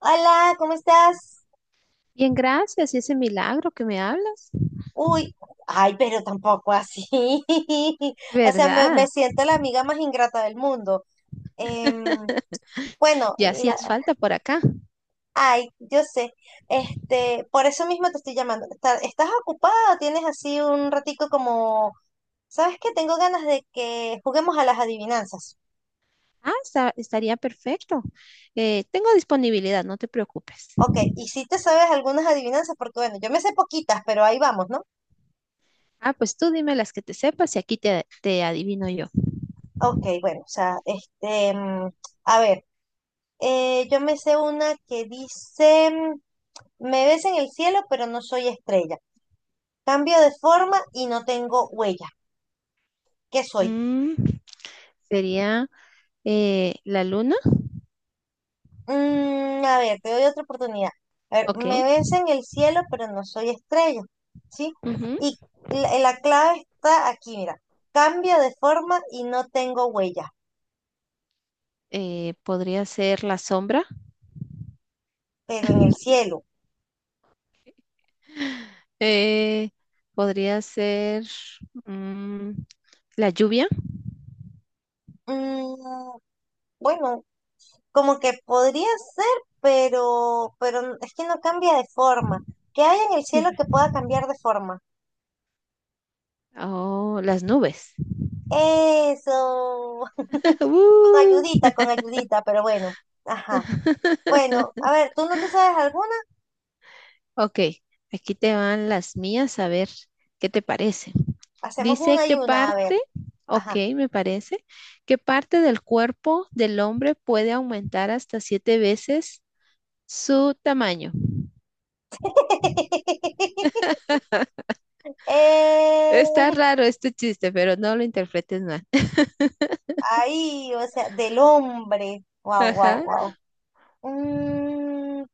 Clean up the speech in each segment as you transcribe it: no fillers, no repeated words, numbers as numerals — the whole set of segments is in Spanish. Hola, ¿cómo estás? Bien, gracias, y ese milagro que me hablas, Uy, ay, pero tampoco así. O sea, me ¿verdad? siento la amiga más ingrata del mundo. Em, bueno, Ya hacías falta por acá. ay, yo sé. Este, por eso mismo te estoy llamando. ¿Estás ocupada o tienes así un ratico como, sabes que tengo ganas de que juguemos a las adivinanzas? Estaría perfecto. Tengo disponibilidad, no te preocupes. Ok, y si te sabes algunas adivinanzas, porque bueno, yo me sé poquitas, pero ahí vamos, ¿no? Ah, pues tú dime las que te sepas y aquí te adivino yo. Ok, bueno, o sea, este, a ver. Yo me sé una que dice, me ves en el cielo, pero no soy estrella. Cambio de forma y no tengo huella. ¿Qué soy? Mm, sería la luna, A ver, te doy otra oportunidad. A ver, me ok. ves en el cielo, pero no soy estrella. ¿Sí? Ujú, Y la clave está aquí, mira. Cambio de forma y no tengo huella, podría ser la sombra. pero en el cielo. eh, podría ser mm, la lluvia, Mm, bueno, como que podría ser, pero es que no cambia de forma. ¿Qué hay en el sí, cielo que pueda cambiar de forma? o las nubes. Eso. ¡Uh! Con ayudita, pero bueno. Ajá. Bueno, a ver, ¿tú no te sabes alguna? Ok, aquí te van las mías, a ver qué te parece. Hacemos Dice una y qué una, a ver. parte, ok, Ajá. Me parece, qué parte del cuerpo del hombre puede aumentar hasta 7 veces su tamaño. Está Eh, raro este chiste, pero no lo interpretes mal. ahí, o sea, del hombre. Wow, Ajá, wow, wow.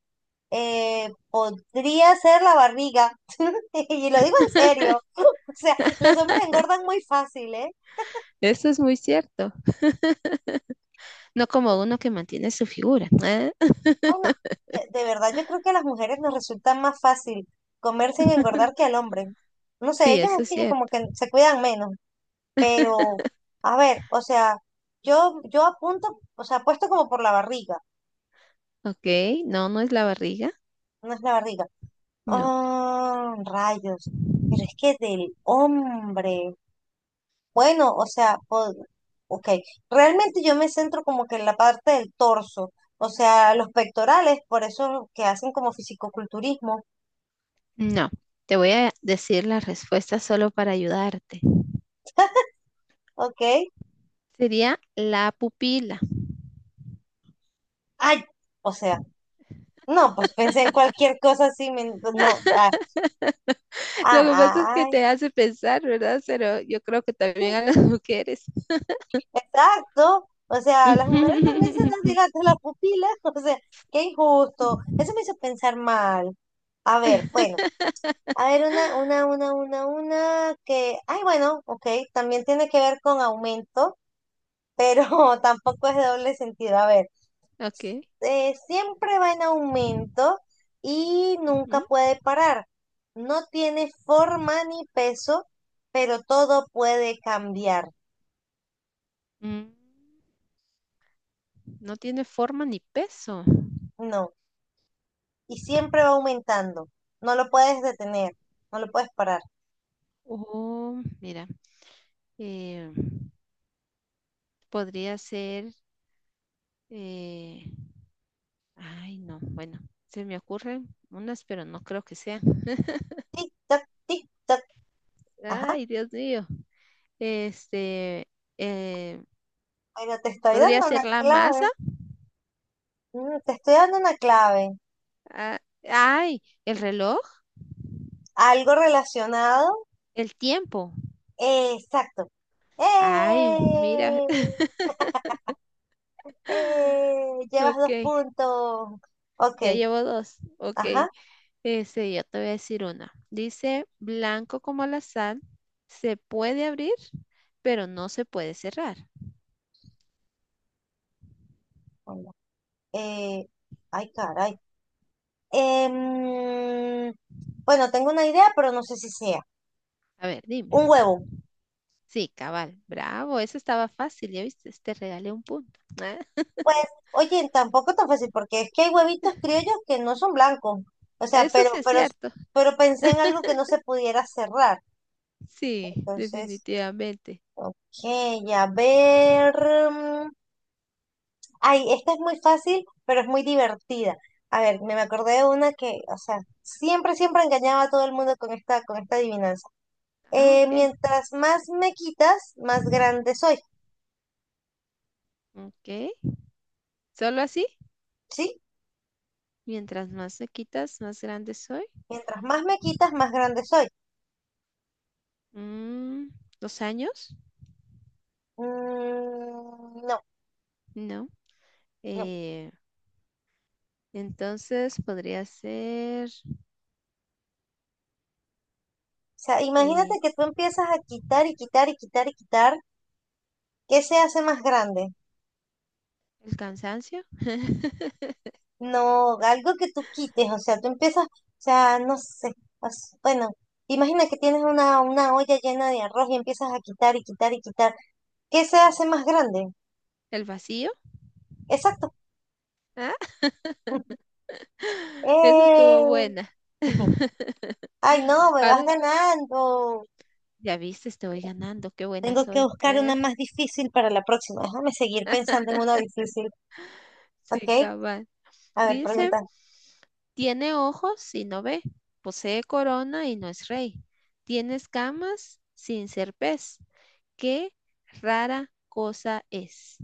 Podría ser la barriga. Y lo digo en serio. O sea, los hombres engordan muy fácil, ¿eh? eso es muy cierto. No como uno que mantiene su figura, ¿eh? Bueno, de verdad yo creo que a las mujeres nos resulta más fácil comer sin engordar que al hombre. No sé, Sí, ellos eso es es que como cierto. que se cuidan menos. Pero, a ver, o sea, yo apunto, o sea, apuesto como por la barriga. Ok, no, no es la barriga. No es la barriga. No, Oh, rayos. Pero es que del hombre. Bueno, o sea, ok, realmente yo me centro como que en la parte del torso, o sea, los pectorales, por eso que hacen como fisicoculturismo, no. Te voy a decir la respuesta solo para ayudarte. ok. Sería la pupila. Ay, o sea, no, pues pensé en cualquier cosa así, no, ah, Lo que pasa es ah, que ay, te hace pensar, ¿verdad? Pero yo creo que también a las mujeres. exacto, o sea, las mujeres también se nos dilatan las pupilas, o sea, qué injusto, eso me hizo pensar mal. A ver, bueno. A ver, una que, ay, bueno, ok, también tiene que ver con aumento, pero tampoco es de doble sentido. A ver, Ok. Siempre va en aumento y nunca Ujú. puede parar. No tiene forma ni peso, pero todo puede cambiar. Mm, no tiene forma ni peso. No, y siempre va aumentando. No lo puedes detener, no lo puedes parar. Oh, mira. Eh, podría ser. Eh, Ay, no. Bueno, se me ocurren unas, pero no creo que sean. Tic, tac, tic, tac. Ajá, Ay, Dios mío. Este. eh, pero te estoy Podría dando una ser la clave. masa. Te estoy dando una clave. Ah, ay, el reloj. Algo relacionado. El tiempo. Exacto. Ay, mira. ¡Eh! ¡Eh! Llevas dos Ok, puntos. Ok. ya llevo dos. Ok, Ajá. ese, yo te voy a decir una. Dice, blanco como la sal, se puede abrir, pero no se puede cerrar. Bueno, eh, ay, caray. Em, bueno, tengo una idea, pero no sé si sea. A ver, dime. Un huevo. Sí, cabal, bravo, eso estaba fácil, ya viste, te regalé un punto. Pues, oye, tampoco tan fácil, porque es que hay huevitos criollos que no son blancos. O Ah, sea, eso sí pero, es pero, cierto. pero pensé en algo que no se pudiera cerrar. Sí, Entonces, definitivamente. ok, a ver. mm, Ay, esta es muy fácil, pero es muy divertida. A ver, me acordé de una que, o sea, siempre, siempre engañaba a todo el mundo con esta, adivinanza. Ah, Eh, ok, mientras más me quitas, más grande soy, ok. ¿Solo así? ¿sí? Mientras más me quitas, más grande soy. Mientras más me quitas, más grande soy. Mm, ¿dos años? Mm, no, No. no. O Eh, entonces podría ser sea, imagínate eh, que tú empiezas a quitar y quitar y quitar y quitar. ¿Qué se hace más grande? el cansancio, No, algo que tú quites, o sea, tú empiezas, o sea, no sé, bueno, imagina que tienes una olla llena de arroz y empiezas a quitar y quitar y quitar. ¿Qué se hace más grande? el vacío. Exacto. Ah, esa estuvo ¡Eh! buena. Ay, no, me vas Ahora ganando. ya viste, estoy ganando. Qué buena Tengo que soy. buscar una más difícil para la próxima. Déjame seguir pensando en una difícil. Ok, Sí, cabal. a ver, Dice, pregunta. tiene ojos y no ve, posee corona y no es rey, tiene escamas sin ser pez. Qué rara cosa es.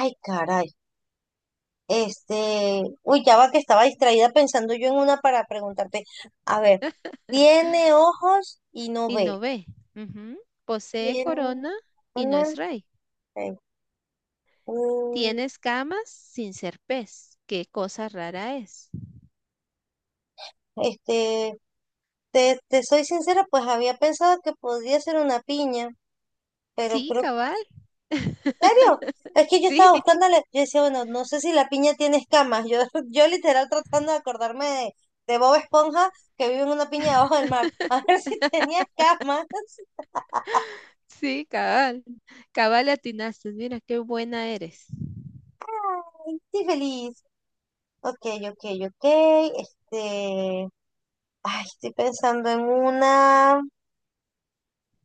Ay, caray. Este, uy, ya va que estaba distraída pensando yo en una para preguntarte. A ver, tiene ojos y no Y ve. no ve. Ujú. Posee Tiene corona y no una, es rey. eh, mm, Tiene escamas sin ser pez. Qué cosa rara es. este, te soy sincera, pues había pensado que podría ser una piña, pero Sí, creo que, cabal. ¿en serio? Es que yo Sí, estaba buscándole, yo decía, bueno, no sé si la piña tiene escamas. Yo, yo literal tratando de acordarme de Bob Esponja que vive en una piña debajo del mar. A ver si tenía escamas. sí, cabal. Cabal le atinaste. Mira, qué buena eres. Ay, estoy feliz. Ok, ok, ok. Este, ay, estoy pensando en una.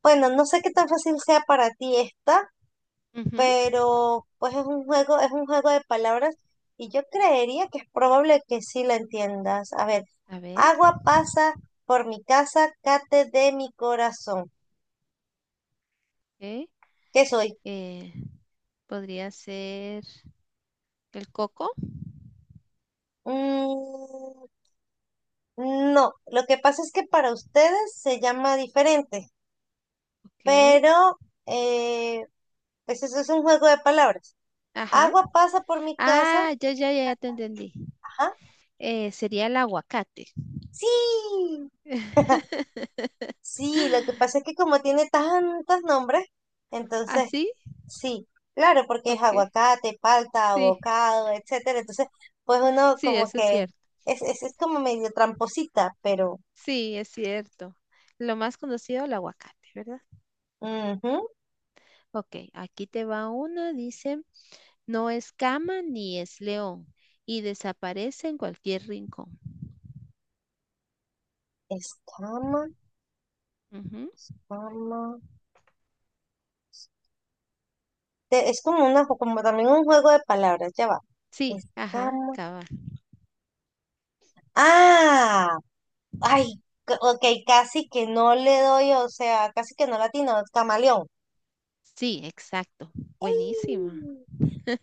Bueno, no sé qué tan fácil sea para ti esta, Ujú. pero pues es un juego de palabras y yo creería que es probable que sí la entiendas. A ver, A ver, agua pasa por mi casa, cate de mi corazón. ok, ¿Qué soy? eh, podría ser el coco. Mm, no, lo que pasa es que para ustedes se llama diferente, Ok. pero eh, pues eso es un juego de palabras. Ajá. Agua pasa por mi casa. Ah, ya, ya, ya, ya te entendí. Ajá. Sería el aguacate. Sí, sí, lo que pasa es que como tiene tantos nombres, entonces ¿Así? sí, claro, porque es Ok. aguacate, palta, Sí. abocado, etcétera. Entonces, pues uno Sí, como eso es que cierto. es como medio tramposita, pero Sí, es cierto. Lo más conocido, el aguacate, ¿verdad? ujú. Ok, aquí te va una, dice, no es cama ni es león y desaparece en cualquier rincón. Escama, Ujú. cama. Es como una, como también un juego de palabras, ya va. Sí, ajá, Escama. cabal. Ah, ay, ok, casi que no le doy, o sea, casi que no latino, camaleón. Sí, exacto. Buenísima. ¡Ey!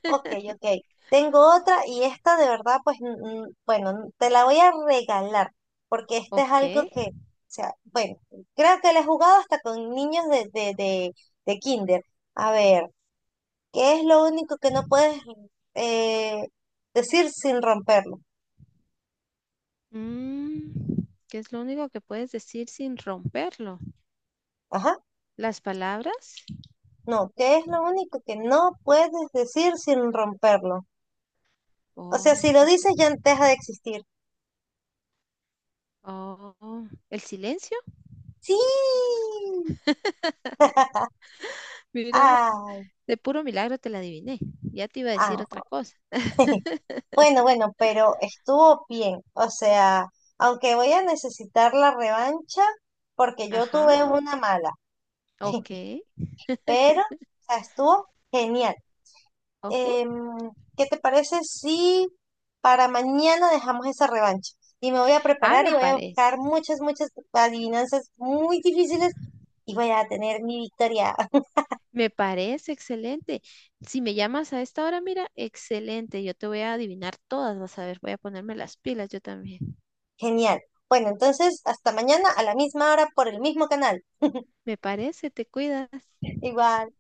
Ok, ok. Tengo otra y esta de verdad, pues, bueno, te la voy a regalar, porque este es Ok. algo que, o sea, bueno, creo que la he jugado hasta con niños de, de kinder. A ver, ¿qué es lo único que no puedes eh, decir sin romperlo? Mm, ¿qué es lo único que puedes decir sin romperlo? Ajá, ¿Las palabras? no, ¿qué es lo único que no puedes decir sin romperlo? O Oh, sea, si lo ¿qué es? dices ya deja de existir. Oh, ¿el silencio? Sí. Mira, pues. Ah, De puro milagro te la adiviné. Ya te iba a decir ah. otra cosa. Bueno, bueno, pero estuvo bien. O sea, aunque voy a necesitar la revancha porque yo Ajá, tuve una mala, ok, pero o sea, estuvo genial. ok. Em, ¿qué te parece si para mañana dejamos esa revancha? Y me voy a Ah, preparar me y voy a parece. buscar muchas, muchas adivinanzas muy difíciles y voy a tener mi victoria. Me parece excelente. Si me llamas a esta hora, mira, excelente. Yo te voy a adivinar todas, vas a ver. Voy a ponerme las pilas yo también. Genial. Bueno, entonces hasta mañana a la misma hora por el mismo canal. Me parece, te cuidas. Igual.